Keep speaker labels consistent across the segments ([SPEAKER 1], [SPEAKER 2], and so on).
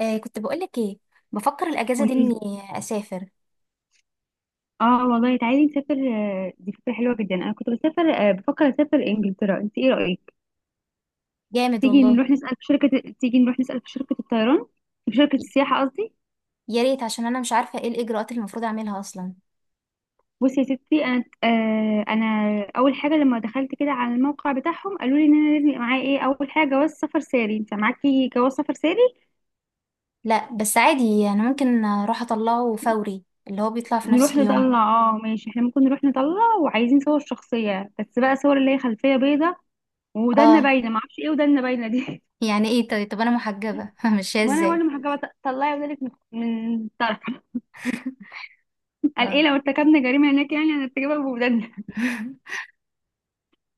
[SPEAKER 1] آه، كنت بقولك ايه؟ بفكر الاجازه دي
[SPEAKER 2] قوليلي.
[SPEAKER 1] اني اسافر.
[SPEAKER 2] اه والله، تعالي نسافر. دي فكرة حلوة جدا. انا كنت بسافر. بفكر اسافر انجلترا، انت ايه رأيك؟
[SPEAKER 1] جامد والله.
[SPEAKER 2] تيجي نروح نسأل في شركة الطيران، في شركة
[SPEAKER 1] ي-
[SPEAKER 2] السياحة قصدي.
[SPEAKER 1] يا ريت، عشان انا مش عارفه ايه الاجراءات اللي المفروض اعملها اصلا.
[SPEAKER 2] بصي يا ستي، انا اول حاجة لما دخلت كده على الموقع بتاعهم قالوا لي ان انا لازم يبقى معايا ايه. اول حاجة جواز سفر ساري. انت معاكي جواز سفر ساري؟
[SPEAKER 1] لا بس عادي، انا ممكن اروح اطلعه فوري اللي هو بيطلع في نفس
[SPEAKER 2] نروح
[SPEAKER 1] اليوم.
[SPEAKER 2] نطلع، اه ماشي. احنا ممكن نروح نطلع، وعايزين صور شخصية، بس بقى صور اللي هي خلفية بيضة، ودنا
[SPEAKER 1] اه
[SPEAKER 2] باينة. معرفش ايه ودنا باينة دي.
[SPEAKER 1] يعني ايه؟ طيب انا محجبه ماشيه
[SPEAKER 2] ما انا برضه
[SPEAKER 1] ازاي؟
[SPEAKER 2] محجبه. طلعي ولادك من طرف. قال ايه،
[SPEAKER 1] خلاص.
[SPEAKER 2] لو ارتكبنا جريمه هناك يعني هنرتكبها بولادنا.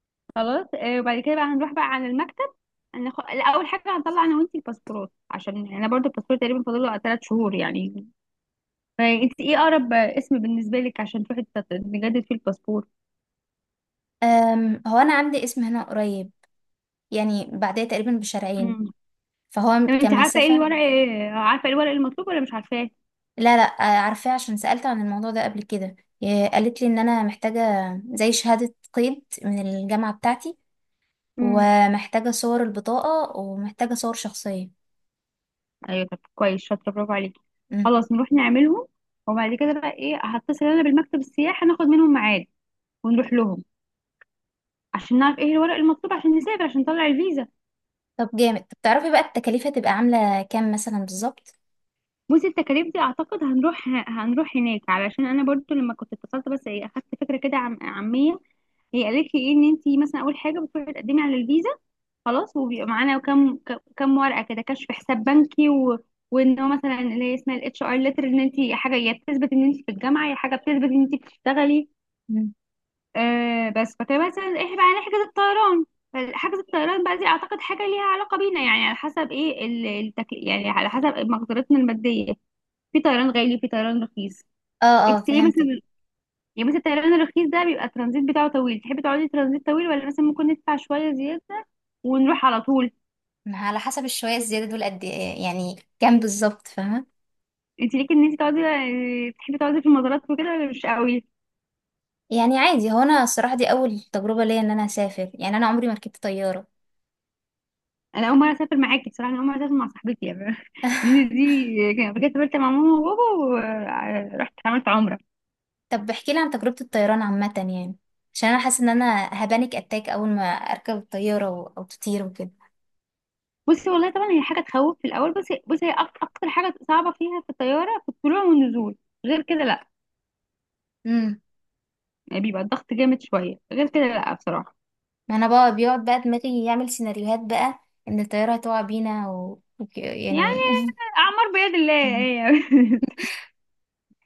[SPEAKER 2] خلاص. وبعد كده بقى هنروح بقى على المكتب. لا، اول حاجه هنطلع انا وانتي الباسبورات، عشان يعني انا برضه الباسبور تقريبا فاضل له 3 شهور يعني. فانت ايه اقرب اسم بالنسبه لك عشان تروحي نجدد فيه الباسبور؟
[SPEAKER 1] هو انا عندي اسم هنا قريب، يعني بعديه تقريبا بشارعين،
[SPEAKER 2] امم
[SPEAKER 1] فهو
[SPEAKER 2] طب انت عارفه ايه
[SPEAKER 1] كمسافه.
[SPEAKER 2] الورق، عارفه ايه الورق المطلوب ولا مش عارفاه؟
[SPEAKER 1] لا آه، عارفاه عشان سالت عن الموضوع ده قبل كده. آه، قالت لي ان انا محتاجه زي شهاده قيد من الجامعه بتاعتي،
[SPEAKER 2] امم
[SPEAKER 1] ومحتاجة صور البطاقة ومحتاجة صور شخصية.
[SPEAKER 2] ايوه، طب كويس، شاطره، برافو عليكي.
[SPEAKER 1] مم.
[SPEAKER 2] خلاص نروح نعملهم. وبعد كده بقى ايه، هتصل انا بالمكتب السياحه، ناخد منهم ميعاد ونروح لهم عشان نعرف ايه الورق المطلوب عشان نسافر، عشان نطلع الفيزا.
[SPEAKER 1] طب جامد. طب تعرفي بقى التكاليف هتبقى عاملة كام مثلا بالظبط؟
[SPEAKER 2] بصي التكاليف دي، اعتقد هنروح هناك، علشان انا برضو لما كنت اتصلت بس ايه اخدت فكره كده عم عاميه. هي قالت لي ايه، ان انت مثلا اول حاجه بتروحي تقدمي على الفيزا خلاص، وبيبقى معانا كم كم ورقه كده، كشف حساب بنكي، وان هو مثلا اللي هي اسمها الاتش ار ليتر، ان انت حاجه يا بتثبت ان انت في الجامعه، يا حاجه بتثبت ان انت بتشتغلي.
[SPEAKER 1] مم.
[SPEAKER 2] بس فكان مثلا احنا بقى نحجز الطيران. فحجز الطيران بقى دي اعتقد حاجه ليها علاقه بينا، يعني على حسب ايه يعني على حسب مقدرتنا الماديه. في طيران غالي، في طيران رخيص.
[SPEAKER 1] اه اه
[SPEAKER 2] انت ايه
[SPEAKER 1] فهمتك.
[SPEAKER 2] مثلا؟ يعني مثلا الطيران الرخيص ده بيبقى الترانزيت بتاعه طويل، تحبي تقعدي ترانزيت طويل ولا مثلا ممكن ندفع شويه زياده ونروح على طول؟
[SPEAKER 1] ما على حسب الشوية الزيادة دول قد ايه يعني؟ كام بالظبط فاهمة؟
[SPEAKER 2] انت ليكي ان انت تقعدي آه، تحبي تقعدي في المزارات وكده ولا مش قوي؟
[SPEAKER 1] يعني عادي، هو انا الصراحة دي اول تجربة ليا ان انا اسافر، يعني انا عمري ما ركبت طيارة.
[SPEAKER 2] انا اول مره اسافر معاكي بصراحه، انا اول مره اسافر مع صاحبتي يعني. ان دي كانت سافرت مع ماما وبابا ورحت عملت عمره.
[SPEAKER 1] طب احكي لي عن تجربة الطيران عامة يعني، عشان انا حاسة ان انا هبانك اتاك اول ما اركب الطيارة او تطير وكده.
[SPEAKER 2] بصي والله، طبعا هي حاجه تخوف في الاول، بس بصي هي اكتر حاجه صعبه فيها في الطياره في الطلوع والنزول، غير كده لا. يعني بيبقى الضغط جامد شويه، غير كده لا بصراحه.
[SPEAKER 1] ما انا بقى بيقعد بقى دماغي يعمل سيناريوهات بقى ان الطيارة هتقع بينا
[SPEAKER 2] يعني
[SPEAKER 1] يعني.
[SPEAKER 2] اعمار بيد الله
[SPEAKER 1] مم.
[SPEAKER 2] يعني.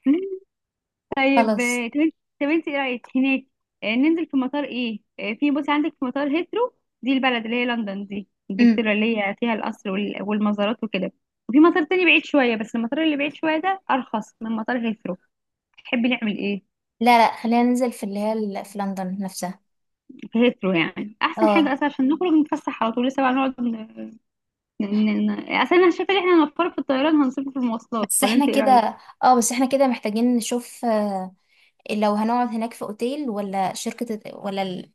[SPEAKER 2] طيب،
[SPEAKER 1] خلاص.
[SPEAKER 2] آه، طب انت طب انت ايه رايك هناك؟ ننزل في مطار ايه؟ آه، في بصي عندك في مطار هيثرو، دي البلد اللي هي لندن، دي
[SPEAKER 1] امم.
[SPEAKER 2] انجلترا، اللي هي فيها القصر والمزارات وكده. وفي مطار تاني بعيد شويه، بس المطار اللي بعيد شويه ده ارخص من مطار هيثرو. تحبي نعمل ايه؟
[SPEAKER 1] لا خلينا ننزل في اللي هي في لندن نفسها.
[SPEAKER 2] ريترو يعني احسن حاجه
[SPEAKER 1] اه
[SPEAKER 2] اصلا، عشان نخرج نتفسح على طول. لسه بقى نقعد اصلا انا شايفه ان احنا هنوفر في الطيران، هنصرف في المواصلات.
[SPEAKER 1] بس
[SPEAKER 2] ولا انت
[SPEAKER 1] احنا
[SPEAKER 2] ايه رايك؟
[SPEAKER 1] كده، اه بس احنا كده محتاجين نشوف لو هنقعد هناك في اوتيل ولا شركة ولا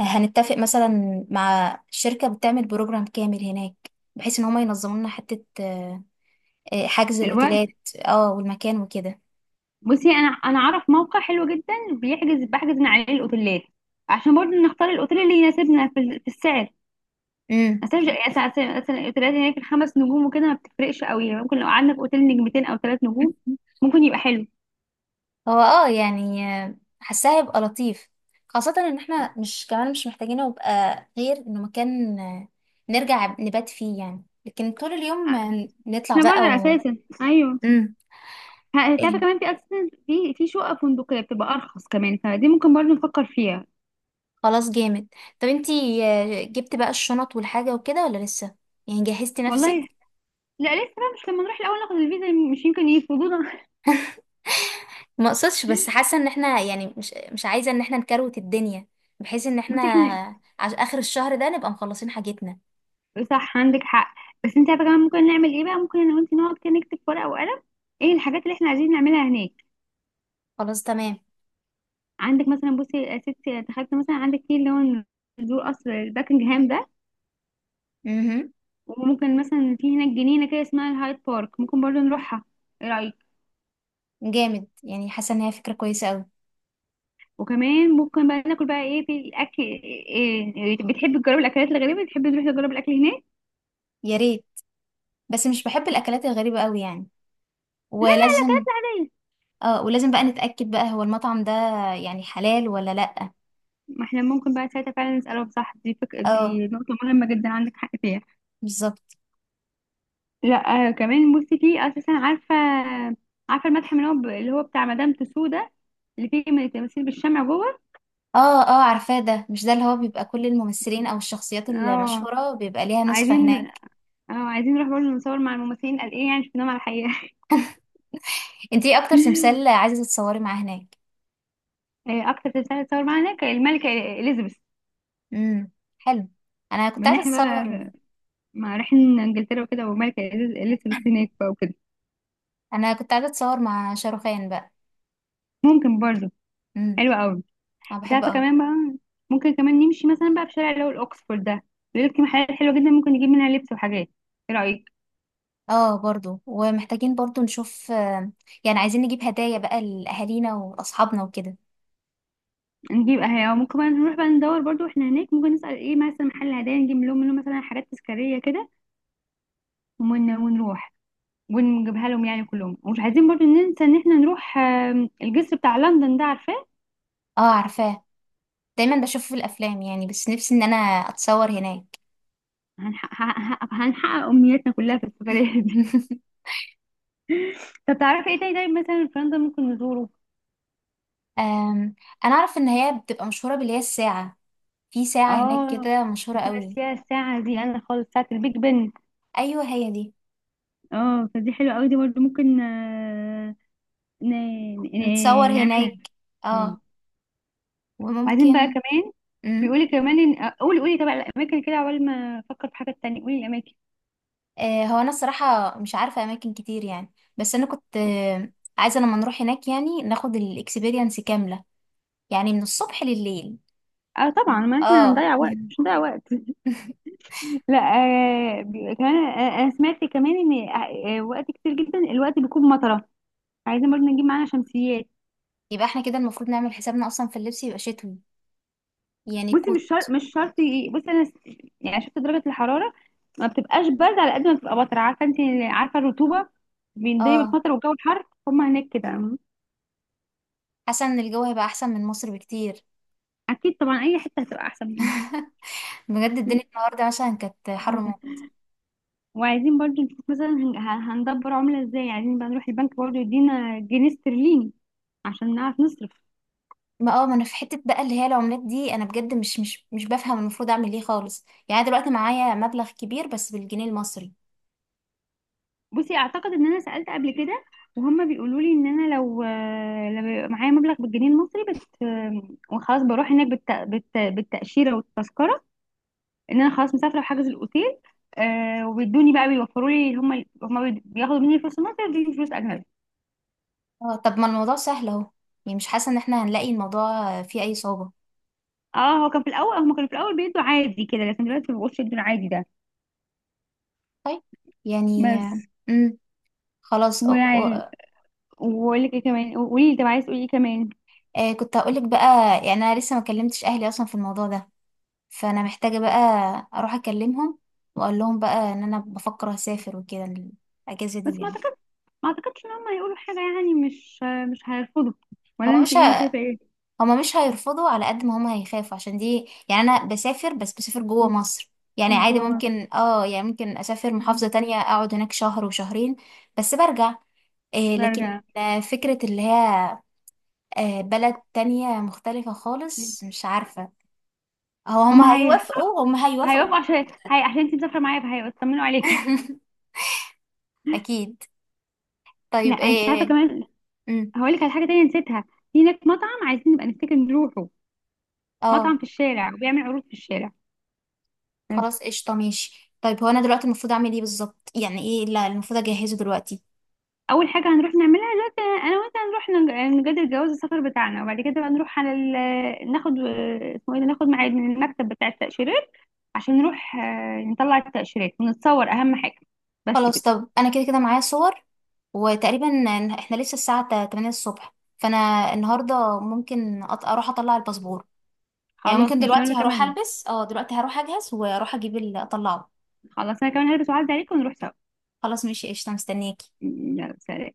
[SPEAKER 1] هنتفق مثلا مع شركة بتعمل بروجرام كامل هناك، بحيث ان هما ينظموا لنا حتة آه، حجز
[SPEAKER 2] الوقت.
[SPEAKER 1] الاوتيلات. اه والمكان وكده.
[SPEAKER 2] بصي، انا اعرف موقع حلو جدا بحجز من عليه الاوتيلات، عشان برضه نختار الاوتيل اللي يناسبنا في، في السعر،
[SPEAKER 1] امم.
[SPEAKER 2] مثلا. مثلا الاوتيلات هناك الخمس نجوم وكده ما بتفرقش قوي، يعني ممكن لو قعدنا في اوتيل نجمتين او 3 نجوم ممكن يبقى حلو.
[SPEAKER 1] هو اه يعني حاساه هيبقى لطيف، خاصة ان احنا مش كمان مش محتاجين يبقى غير انه مكان نرجع نبات فيه يعني، لكن طول اليوم نطلع
[SPEAKER 2] احنا
[SPEAKER 1] بقى
[SPEAKER 2] بره
[SPEAKER 1] و…
[SPEAKER 2] اساسا، ايوه.
[SPEAKER 1] مم.
[SPEAKER 2] تعرفي
[SPEAKER 1] إيه،
[SPEAKER 2] كمان في اساسا في شقق فندقيه بتبقى ارخص كمان، فدي ممكن برضه نفكر فيها.
[SPEAKER 1] خلاص جامد. طب انتي جبت بقى الشنط والحاجة وكده ولا لسه؟ يعني جهزتي نفسك؟
[SPEAKER 2] والله لا، لسه بقى، مش لما نروح الاول ناخد الفيزا؟ مش يمكن يرفضونا.
[SPEAKER 1] ما اقصدش، بس حاسة ان احنا يعني مش عايزة ان احنا نكروت الدنيا، بحيث ان احنا
[SPEAKER 2] بس احنا
[SPEAKER 1] عش اخر الشهر ده نبقى مخلصين حاجتنا.
[SPEAKER 2] صح، عندك حق. بس انت عارفه كمان ممكن نعمل ايه بقى؟ ممكن انا وانت نقعد كده نكتب في ورقه وقلم ايه الحاجات اللي احنا عايزين نعملها هناك.
[SPEAKER 1] خلاص تمام.
[SPEAKER 2] عندك مثلا، بصي يا ستي تخيلت مثلا عندك في اللي هو نزور قصر باكنجهام ده.
[SPEAKER 1] امم.
[SPEAKER 2] وممكن مثلا في هناك جنينه كده اسمها الهايد بارك ممكن برضو نروحها. ايه رايك؟
[SPEAKER 1] جامد، يعني حاسة ان هي فكرة كويسة أوي.
[SPEAKER 2] وكمان ممكن بقى ناكل بقى ايه في الاكل، إيه بتحب تجرب الاكلات الغريبه؟ بتحب تروح تجرب الاكل هناك؟
[SPEAKER 1] يا ريت، بس مش بحب الاكلات الغريبه قوي يعني. ولازم،
[SPEAKER 2] لا،
[SPEAKER 1] اه ولازم بقى نتاكد بقى هو المطعم ده يعني حلال ولا لا.
[SPEAKER 2] ما احنا ممكن بقى ساعتها فعلا نسألهم، صح؟ دي
[SPEAKER 1] اه
[SPEAKER 2] دي نقطة مهمة جدا، عندك حق فيها.
[SPEAKER 1] بالظبط.
[SPEAKER 2] لا كمان بصي في أساسا، عارفة، عارفة المتحف اللي هو اللي هو بتاع مدام تسو ده، اللي فيه من التماثيل بالشمع جوه.
[SPEAKER 1] اه اه عارفاه، ده مش ده اللي هو بيبقى كل الممثلين او الشخصيات
[SPEAKER 2] اه
[SPEAKER 1] المشهوره بيبقى ليها نسخه
[SPEAKER 2] عايزين،
[SPEAKER 1] هناك؟
[SPEAKER 2] اه عايزين نروح برضه نصور مع الممثلين، قال ايه يعني شفناهم على الحقيقة.
[SPEAKER 1] انت ايه اكتر تمثال عايزه تتصوري معاه هناك؟
[SPEAKER 2] أكتر تمثال اتصور معانا كان الملكة إليزابيث.
[SPEAKER 1] امم. حلو. انا كنت
[SPEAKER 2] من
[SPEAKER 1] عايزه
[SPEAKER 2] احنا
[SPEAKER 1] اتصور.
[SPEAKER 2] بقى، مع رايحين انجلترا وكده، والملكة إليزابيث هناك بقى وكده.
[SPEAKER 1] انا كنت عايزه اتصور مع شاروخان بقى.
[SPEAKER 2] ممكن برضه.
[SPEAKER 1] امم.
[SPEAKER 2] حلو قوي.
[SPEAKER 1] انا
[SPEAKER 2] انت
[SPEAKER 1] بحبه
[SPEAKER 2] عارفه
[SPEAKER 1] قوي.
[SPEAKER 2] كمان بقى، ممكن كمان نمشي مثلا بقى في شارع اللي هو الاوكسفورد ده. بيقول لك في محلات حلوه جدا ممكن نجيب منها لبس وحاجات. ايه رايك؟
[SPEAKER 1] اه برضو، ومحتاجين برضو نشوف يعني عايزين نجيب هدايا بقى لاهالينا واصحابنا وكده.
[SPEAKER 2] نجيب اهي، أو ممكن بقى نروح بقى ندور برضو احنا هناك، ممكن نسال ايه مثلا محل هدايا نجيب لهم منه مثلا حاجات تذكاريه كده. ونروح ونجيبها لهم يعني كلهم. ومش عايزين برضو ننسى ان احنا نروح الجسر بتاع لندن ده، عارفاه؟
[SPEAKER 1] اه عارفاه، دايما بشوفه في الافلام يعني، بس نفسي ان انا اتصور هناك.
[SPEAKER 2] هنحقق امنياتنا كلها في السفريه دي. طب تعرفي ايه تاني طيب مثلا في لندن ممكن نزوره؟
[SPEAKER 1] أم، انا اعرف ان هي بتبقى مشهوره باللي هي الساعه. في ساعه هناك
[SPEAKER 2] اه،
[SPEAKER 1] كده مشهوره
[SPEAKER 2] كنت
[SPEAKER 1] قوي.
[SPEAKER 2] ناسيها الساعه دي انا خالص، ساعه البيج بن.
[SPEAKER 1] ايوه هي دي.
[SPEAKER 2] اه، فدي حلوة قوي، دي برضه ممكن
[SPEAKER 1] نتصور
[SPEAKER 2] نعملها.
[SPEAKER 1] هناك.
[SPEAKER 2] مم.
[SPEAKER 1] اه.
[SPEAKER 2] وبعدين بقى
[SPEAKER 1] وممكن.
[SPEAKER 2] كمان
[SPEAKER 1] امم.
[SPEAKER 2] بيقولي كمان ان، قولي. طبعا الاماكن كده عقبال ما افكر في حاجة تانية قولي الاماكن.
[SPEAKER 1] آه هو انا الصراحه مش عارفه اماكن كتير يعني، بس انا كنت عايزه لما نروح هناك يعني ناخد الاكسبيرينس كامله، يعني من الصبح لليل.
[SPEAKER 2] اه طبعا، ما احنا
[SPEAKER 1] اه.
[SPEAKER 2] هنضيع وقت، مش هنضيع وقت. لا. آه بي- كمان آه انا سمعت كمان ان، وقت كتير جدا الوقت بيكون مطرة. عايزين برضه نجيب معانا شمسيات.
[SPEAKER 1] يبقى احنا كده المفروض نعمل حسابنا اصلا في اللبس يبقى شتوي يعني.
[SPEAKER 2] بصي مش شرط مش شرط، بصي يعني شفت درجه الحراره، ما بتبقاش برد على قد ما بتبقى بطر، عارفه انت، عارفه الرطوبه. بيندرج
[SPEAKER 1] اه
[SPEAKER 2] بالمطر والجو الحر هما هناك كده.
[SPEAKER 1] حاسه ان الجو هيبقى احسن من مصر بكتير.
[SPEAKER 2] اكيد طبعا، اي حته هتبقى احسن.
[SPEAKER 1] بجد الدنيا النهارده مثلا كانت حر موت.
[SPEAKER 2] وعايزين برضو نشوف مثلا هندبر عمله ازاي، عايزين بقى نروح البنك برضو يدينا جنيه استرليني عشان نعرف نصرف.
[SPEAKER 1] ما اه ما انا في حته بقى اللي هي العملات دي انا بجد مش بفهم المفروض اعمل ايه خالص يعني. أنا دلوقتي معايا مبلغ كبير بس بالجنيه المصري.
[SPEAKER 2] بصي، اعتقد ان انا سالت قبل كده وهما بيقولوا لي ان انا لو، بيبقى معايا مبلغ بالجنيه المصري بت وخلاص بروح هناك بالتاشيره والتذكره، ان انا خلاص مسافره وحاجز الاوتيل. آه وبيدوني بقى، بيوفروا لي، هم بياخدوا مني فلوس مصر وبيدوني فلوس اجنبي.
[SPEAKER 1] اه طب ما الموضوع سهل اهو، يعني مش حاسه ان احنا هنلاقي الموضوع فيه اي صعوبه.
[SPEAKER 2] اه، هو كان في الاول، هم كانوا في الاول بيدوا عادي كده، لكن دلوقتي ما بقوش يدوا العادي ده.
[SPEAKER 1] طيب يعني.
[SPEAKER 2] بس
[SPEAKER 1] امم. خلاص. أو
[SPEAKER 2] ويعني،
[SPEAKER 1] أو
[SPEAKER 2] واقول لك ايه كمان، قولي لي طب عايز تقولي ايه كمان.
[SPEAKER 1] آه كنت هقولك بقى، يعني انا لسه ما كلمتش اهلي اصلا في الموضوع ده، فانا محتاجة بقى اروح اكلمهم واقول لهم بقى ان انا بفكر اسافر وكده الاجازة دي
[SPEAKER 2] بس
[SPEAKER 1] يعني.
[SPEAKER 2] ما اعتقدش ان هم هيقولوا حاجه، يعني مش هيرفضوا. ولا
[SPEAKER 1] هما
[SPEAKER 2] انت
[SPEAKER 1] مش
[SPEAKER 2] ايه
[SPEAKER 1] ه...
[SPEAKER 2] شايفه ايه؟
[SPEAKER 1] هما مش هيرفضوا على قد ما هما هيخافوا، عشان دي يعني انا بسافر، بس بسافر جوه مصر. يعني
[SPEAKER 2] لما
[SPEAKER 1] عادي
[SPEAKER 2] جوه مصر
[SPEAKER 1] ممكن اه، يعني ممكن اسافر محافظة تانية اقعد هناك شهر وشهرين بس برجع. إيه لكن
[SPEAKER 2] برجع.
[SPEAKER 1] فكرة اللي هي بلد تانية مختلفة خالص، مش عارفة هو
[SPEAKER 2] هم
[SPEAKER 1] هما
[SPEAKER 2] هي
[SPEAKER 1] هيوافقوا. هما هيوافقوا.
[SPEAKER 2] هيوافقوا، عشان هي عشان انت مسافره معايا فهيطمنوا عليك.
[SPEAKER 1] أكيد.
[SPEAKER 2] لا
[SPEAKER 1] طيب
[SPEAKER 2] انت عارفه
[SPEAKER 1] إيه.
[SPEAKER 2] كمان،
[SPEAKER 1] مم.
[SPEAKER 2] هقول لك على حاجه تانية نسيتها. في هناك مطعم عايزين نبقى نفتكر نروحه، مطعم
[SPEAKER 1] اه
[SPEAKER 2] في الشارع وبيعمل عروض في الشارع.
[SPEAKER 1] خلاص قشطة ماشي. طيب هو أنا دلوقتي المفروض أعمل إيه بالظبط؟ يعني إيه لا المفروض أجهزه دلوقتي؟
[SPEAKER 2] اول حاجه هنروح نعملها دلوقتي انا وانت، هنروح نجدد جواز السفر بتاعنا. وبعد كده بقى نروح على ناخد، اسمه ايه ده؟ ناخد ميعاد من المكتب بتاع التاشيرات، عشان نروح نطلع التاشيرات ونتصور. اهم حاجه بس
[SPEAKER 1] خلاص.
[SPEAKER 2] كده.
[SPEAKER 1] طب أنا كده كده معايا صور، وتقريبا إحنا لسه الساعة 8 الصبح، فأنا النهاردة ممكن أروح أطلع الباسبور. يعني ممكن
[SPEAKER 2] خلاص ماشي
[SPEAKER 1] دلوقتي
[SPEAKER 2] وانا
[SPEAKER 1] هروح
[SPEAKER 2] كمان.
[SPEAKER 1] ألبس، أه دلوقتي هروح أجهز وأروح أجيب أطلعه.
[SPEAKER 2] خلاص انا كمان هلبس وعدي عليك ونروح سوا.
[SPEAKER 1] خلاص ماشي قشطة، مستنياكي.
[SPEAKER 2] يلا سلام.